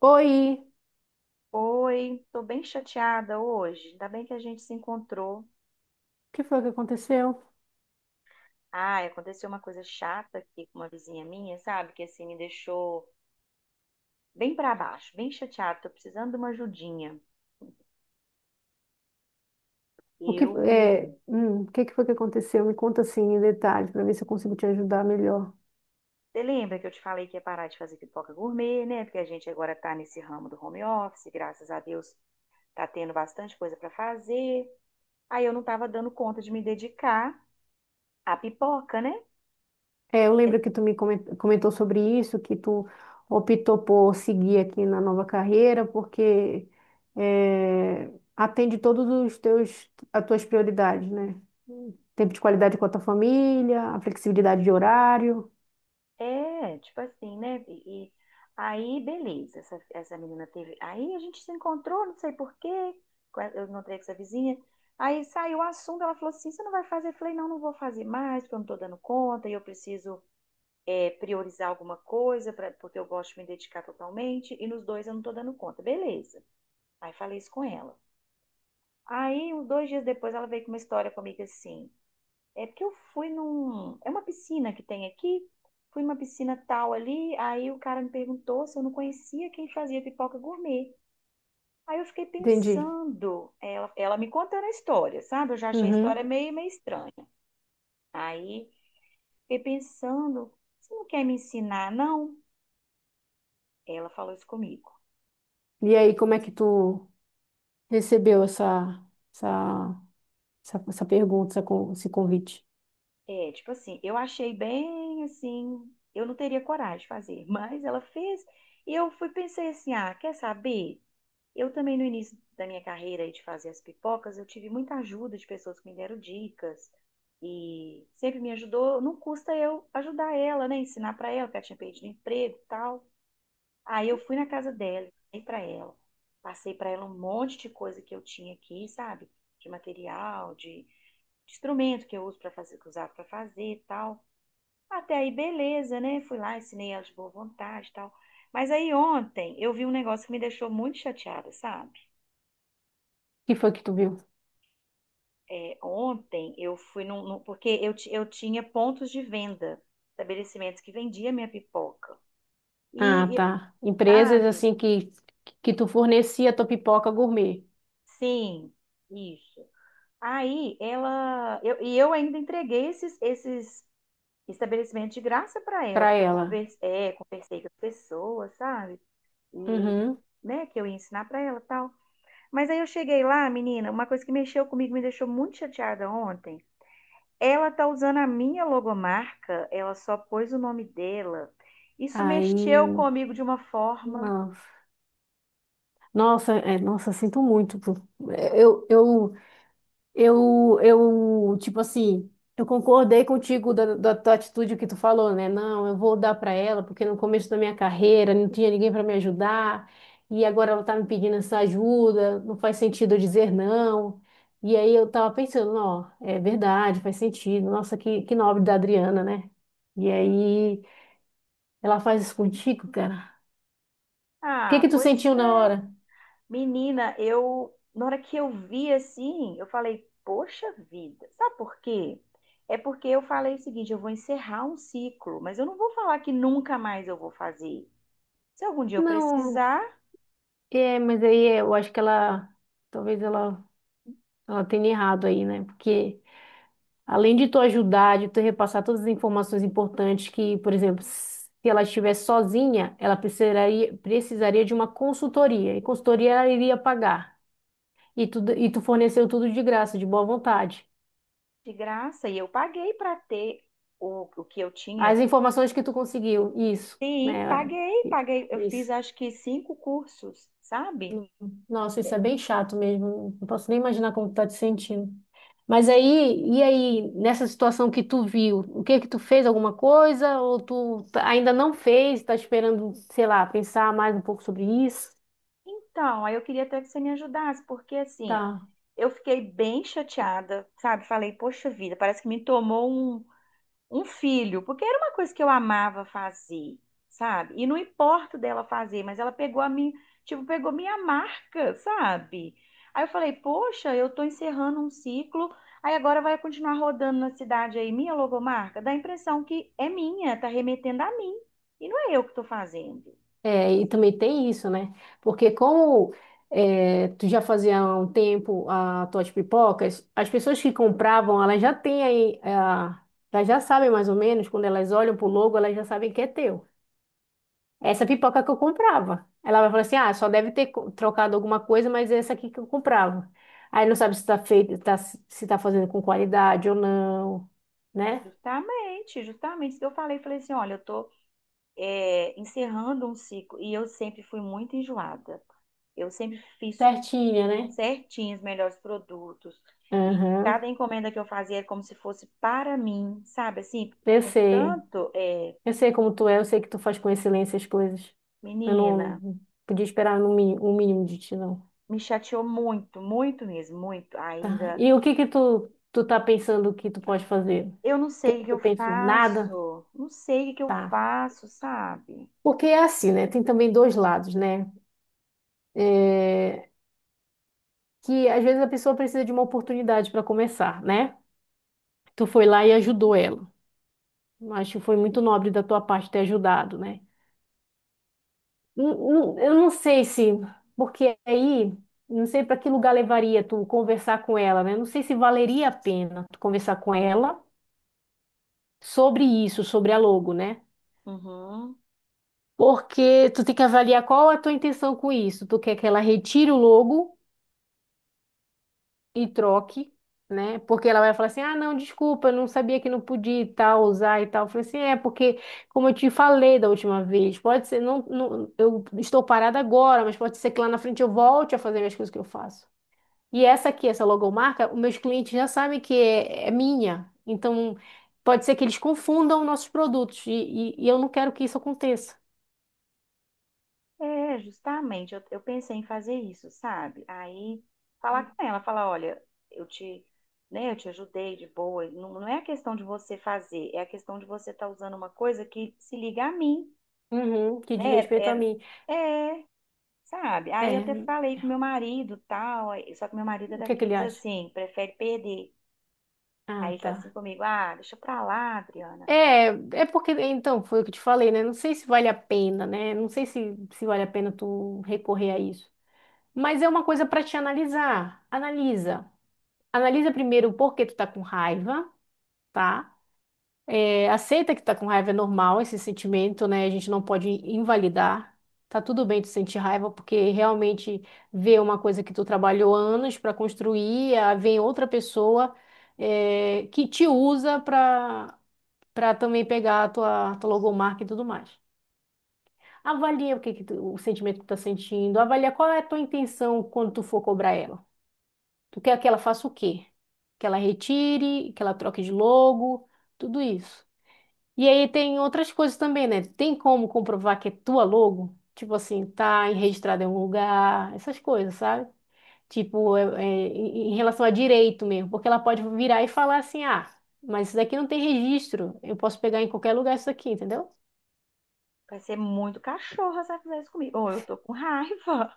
Oi, o Oi, tô bem chateada hoje. Ainda bem que a gente se encontrou. que foi que aconteceu? Ai, aconteceu uma coisa chata aqui com uma vizinha minha, sabe? Que assim me deixou bem pra baixo, bem chateada. Tô precisando de uma ajudinha. O que, Eu, o que que foi que aconteceu? Me conta assim em detalhes para ver se eu consigo te ajudar melhor. você lembra que eu te falei que ia parar de fazer pipoca gourmet, né? Porque a gente agora tá nesse ramo do home office, graças a Deus tá tendo bastante coisa pra fazer. Aí eu não tava dando conta de me dedicar à pipoca, né? É, eu lembro que tu me comentou sobre isso, que tu optou por seguir aqui na nova carreira, porque é, atende todos os teus, as tuas prioridades, né? Tempo de qualidade com a tua família, a flexibilidade de horário. É, tipo assim, né? E aí, beleza, essa menina teve. Aí a gente se encontrou, não sei por quê, eu encontrei com essa vizinha. Aí saiu o assunto, ela falou assim: você não vai fazer? Eu falei: não, não vou fazer mais, porque eu não tô dando conta e eu preciso é, priorizar alguma coisa, pra, porque eu gosto de me dedicar totalmente e nos dois eu não tô dando conta. Beleza. Aí falei isso com ela. Aí, uns dois dias depois, ela veio com uma história comigo assim. É porque eu fui num. É uma piscina que tem aqui. Fui numa piscina tal ali. Aí o cara me perguntou se eu não conhecia quem fazia pipoca gourmet. Aí eu fiquei Entendi. pensando, ela me contando a história, sabe? Eu já achei a história Uhum. meio, meio estranha. Aí fiquei pensando, você não quer me ensinar, não? Ela falou isso comigo. E aí, como é que tu recebeu essa essa pergunta, essa esse convite. É, tipo assim, eu achei bem assim, eu não teria coragem de fazer, mas ela fez. E eu fui pensei assim, ah, quer saber? Eu também, no início da minha carreira aí de fazer as pipocas, eu tive muita ajuda de pessoas que me deram dicas e sempre me ajudou. Não custa eu ajudar ela, né? Ensinar pra ela, porque ela tinha perdido emprego e tal. Aí eu fui na casa dela, ensinei pra ela. Passei pra ela um monte de coisa que eu tinha aqui, sabe? De material, de instrumento que eu uso para fazer, que eu usava pra fazer e tal. Até aí, beleza, né? Fui lá, ensinei ela de boa vontade e tal. Mas aí ontem eu vi um negócio que me deixou muito chateada, sabe? O que foi que tu viu? É, ontem eu fui num, num- porque eu tinha pontos de venda, estabelecimentos que vendiam minha pipoca. Ah, E, e, tá. Empresas sabe? assim que tu fornecia tua pipoca gourmet Sim, isso. Aí ela, eu, e eu ainda entreguei esses, estabelecimentos de graça para ela, pra porque eu ela. conversei, é, conversei com as pessoas, sabe? E, Uhum. né, que eu ia ensinar para ela e tal. Mas aí eu cheguei lá, menina, uma coisa que mexeu comigo, me deixou muito chateada ontem. Ela tá usando a minha logomarca, ela só pôs o nome dela. Isso mexeu Aí, comigo de uma forma. nossa, nossa, sinto muito. Pô. Eu, eu tipo assim, eu concordei contigo da, da tua atitude que tu falou, né? Não, eu vou dar pra ela, porque no começo da minha carreira não tinha ninguém pra me ajudar, e agora ela tá me pedindo essa ajuda, não faz sentido eu dizer não. E aí eu tava pensando, ó, é verdade, faz sentido. Nossa, que nobre da Adriana, né? E aí ela faz isso contigo, cara. O que Ah, que tu pois sentiu na é. hora? Menina, eu na hora que eu vi assim, eu falei, poxa vida. Sabe por quê? É porque eu falei o seguinte, eu vou encerrar um ciclo, mas eu não vou falar que nunca mais eu vou fazer. Se algum dia eu Não, precisar, é, mas aí eu acho que ela, talvez ela, ela tenha errado aí, né? Porque além de tu ajudar, de tu repassar todas as informações importantes que, por exemplo, se ela estivesse sozinha, ela precisaria, precisaria de uma consultoria, e consultoria ela iria pagar. E tu, e tu forneceu tudo de graça, de boa vontade. de graça, e eu paguei para ter o que eu As tinha. informações que tu conseguiu, isso, Sim, né? paguei, É, paguei. Eu fiz isso. acho que cinco cursos, sabe? Nossa, isso é bem chato mesmo. Não posso nem imaginar como tu tá te sentindo. Mas aí, e aí, nessa situação que tu viu, o que que tu fez? Alguma coisa? Ou tu ainda não fez, tá esperando, sei lá, pensar mais um pouco sobre isso? Então, aí eu queria até que você me ajudasse, porque assim, Tá. eu fiquei bem chateada, sabe? Falei, poxa vida, parece que me tomou um, um filho, porque era uma coisa que eu amava fazer, sabe? E não importa dela fazer, mas ela pegou a minha, tipo, pegou minha marca, sabe? Aí eu falei, poxa, eu tô encerrando um ciclo, aí agora vai continuar rodando na cidade aí, minha logomarca, dá a impressão que é minha, tá remetendo a mim, e não é eu que tô fazendo. É, e também tem isso, né? Porque como tu já fazia há um tempo as tuas pipocas, as pessoas que compravam, elas já têm aí, ah, elas já sabem mais ou menos, quando elas olham pro logo, elas já sabem que é teu. Essa pipoca que eu comprava. Ela vai falar assim: ah, só deve ter trocado alguma coisa, mas é essa aqui que eu comprava. Aí não sabe se tá feito, se tá fazendo com qualidade ou não, né? Justamente, justamente isso que eu falei. Falei assim: olha, eu estou encerrando um ciclo e eu sempre fui muito enjoada. Eu sempre fiz Certinha, né? certinho os melhores produtos e Aham. cada encomenda que eu fazia era como se fosse para mim, sabe? Assim, Eu sei. portanto, é, Eu sei como tu é, eu sei que tu faz com excelência as coisas. Eu menina, não podia esperar no mínimo, um mínimo de ti, não. me chateou muito, muito mesmo, muito. Tá. Ainda E o que que tu, tu tá pensando que tu pode fazer? O eu não que sei o que que tu eu pensou? Nada? faço, não sei o que eu Tá. faço, sabe? Porque é assim, né? Tem também dois lados, né? É, que às vezes a pessoa precisa de uma oportunidade para começar, né? Tu foi lá e ajudou Uhum, ela. Acho que foi muito nobre da tua parte ter ajudado, né? Eu não sei se, porque aí, não sei para que lugar levaria tu conversar com ela, né? Não sei se valeria a pena tu conversar com ela sobre isso, sobre a logo, né? uhum. Porque tu tem que avaliar qual é a tua intenção com isso. Tu quer que ela retire o logo e troque, né? Porque ela vai falar assim: ah, não, desculpa, eu não sabia que não podia e tal, usar e tal. Eu falei assim: é, porque, como eu te falei da última vez, pode ser, não, não, eu estou parada agora, mas pode ser que lá na frente eu volte a fazer as coisas que eu faço. E essa aqui, essa logomarca, os meus clientes já sabem que é minha. Então, pode ser que eles confundam nossos produtos e eu não quero que isso aconteça. É, justamente, eu pensei em fazer isso, sabe? Aí falar com ela, falar, olha, eu te, né, eu te ajudei de boa. Não, não é a questão de você fazer, é a questão de você estar usando uma coisa que se liga a mim, Uhum, que diz né? respeito a É, mim. é, sabe? Aí eu até É, falei com meu marido, tal, aí- Só que meu marido é o que é que ele daqueles acha? assim, prefere perder. Aí Ah, ele tá assim tá. comigo, ah, deixa pra lá, Adriana. É, é porque, então, foi o que eu te falei, né? Não sei se vale a pena, né? Não sei se, se vale a pena tu recorrer a isso. Mas é uma coisa para te analisar. Analisa. Analisa primeiro o porquê tu tá com raiva, tá? É, aceita que tá com raiva, é normal esse sentimento, né? A gente não pode invalidar. Tá tudo bem tu sentir raiva, porque realmente ver uma coisa que tu trabalhou anos para construir, ah, vem outra pessoa, é, que te usa para também pegar a tua, tua logomarca e tudo mais. Avalia o que, o sentimento que tu tá sentindo, avalia qual é a tua intenção quando tu for cobrar ela. Tu quer que ela faça o quê? Que ela retire, que ela troque de logo, tudo isso. E aí tem outras coisas também, né? Tem como comprovar que é tua logo? Tipo assim, tá registrada em um lugar, essas coisas, sabe? Tipo, em relação a direito mesmo, porque ela pode virar e falar assim, ah, mas isso daqui não tem registro, eu posso pegar em qualquer lugar isso aqui, entendeu? Vai ser muito cachorro se ela fizer isso comigo. Ou eu tô com raiva.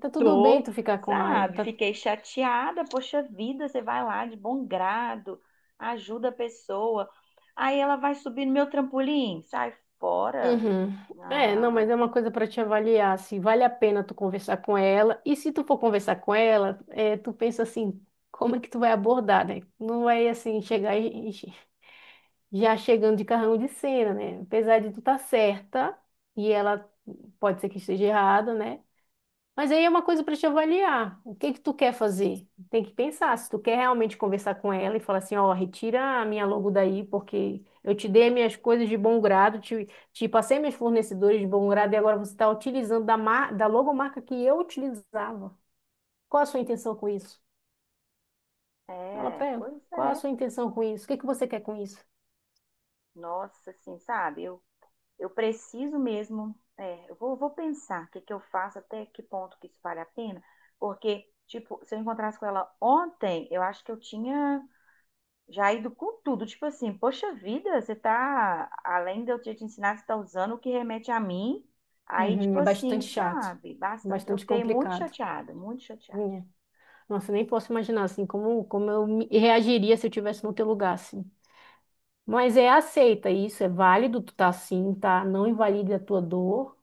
Tá tudo bem Tô, tu ficar com raiva. sabe? Tá... Fiquei chateada, poxa vida, você vai lá de bom grado, ajuda a pessoa. Aí ela vai subir no meu trampolim, sai fora. Uhum. É, não, mas é Ah, uma coisa para te avaliar, se vale a pena tu conversar com ela. E se tu for conversar com ela, é, tu pensa assim, como é que tu vai abordar, né? Não vai assim chegar já chegando de carrão de cena, né? Apesar de tu tá certa e ela pode ser que esteja errada, né? Mas aí é uma coisa para te avaliar. O que que tu quer fazer? Tem que pensar se tu quer realmente conversar com ela e falar assim, ó, retira a minha logo daí, porque eu te dei minhas coisas de bom grado, te passei meus fornecedores de bom grado e agora você está utilizando da, mar, da logomarca que eu utilizava. Qual a sua intenção com isso? Fala é, para ela. pois Qual a é. sua intenção com isso? O que que você quer com isso? Nossa, assim, sabe? Eu preciso mesmo, é, eu vou pensar o que que eu faço, até que ponto que isso vale a pena, porque, tipo, se eu encontrasse com ela ontem, eu acho que eu tinha. Já ido com tudo, tipo assim, poxa vida, você tá, além de eu ter te ensinado, você tá usando o que remete a mim. Aí, tipo Uhum, é assim, bastante chato, sabe, bastante. Eu bastante fiquei muito complicado. chateada, muito chateada. Minha. Nossa, eu nem posso imaginar assim como, como eu reagiria se eu tivesse no teu lugar, assim. Mas é aceita isso, é válido, tu tá assim, tá? Não invalide a tua dor.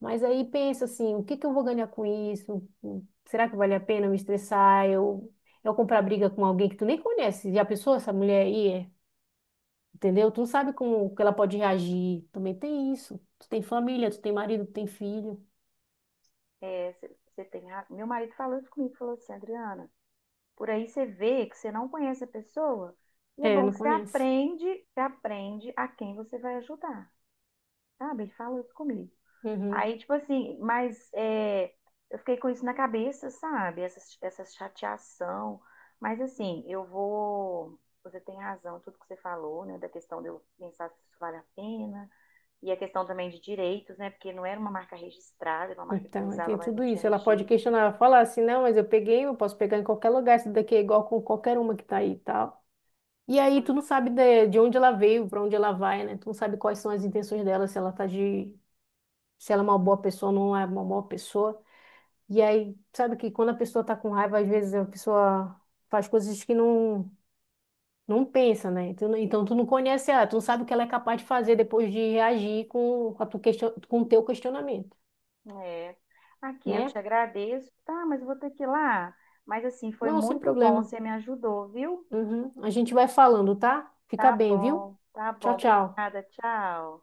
Mas aí pensa assim, o que que eu vou ganhar com isso? Será que vale a pena eu me estressar? Eu comprar briga com alguém que tu nem conhece. Já pensou essa mulher aí? Entendeu? Tu não sabe como que ela pode reagir. Também tem isso. Tu tem família, tu tem marido, tu tem filho. É, Meu marido falou isso comigo, falou assim, Adriana, por aí você vê que você não conhece a pessoa, e é É, bom, não conhece. Você aprende a quem você vai ajudar, sabe? Ele falou isso comigo. Uhum. Aí, tipo assim, mas é, eu fiquei com isso na cabeça, sabe? Essa chateação. Mas assim, eu vou. Você tem razão, tudo que você falou, né? Da questão de eu pensar se isso vale a pena. E a questão também de direitos, né? Porque não era uma marca registrada, era uma marca que eu Então, aí usava, tem mas tudo não tinha isso. Ela pode registro. questionar, falar assim, não, mas eu peguei, eu posso pegar em qualquer lugar, isso daqui é igual com qualquer uma que tá aí e tal. E aí Foi. tu não sabe de onde ela veio, para onde ela vai, né? Tu não sabe quais são as intenções dela, se ela tá de, se ela é uma boa pessoa ou não é uma boa pessoa. E aí, sabe que quando a pessoa tá com raiva, às vezes a pessoa faz coisas que não pensa, né? Tu não- Então, tu não conhece ela, tu não sabe o que ela é capaz de fazer depois de reagir com a tua question, com o teu questionamento, É. Aqui, eu te né? agradeço. Tá, mas eu vou ter que ir lá. Mas assim, foi Não, sem muito bom, problema. você me ajudou, viu? Uhum. A gente vai falando, tá? Fica Tá bem, viu? bom, tá bom. Tchau, tchau. Obrigada, tchau.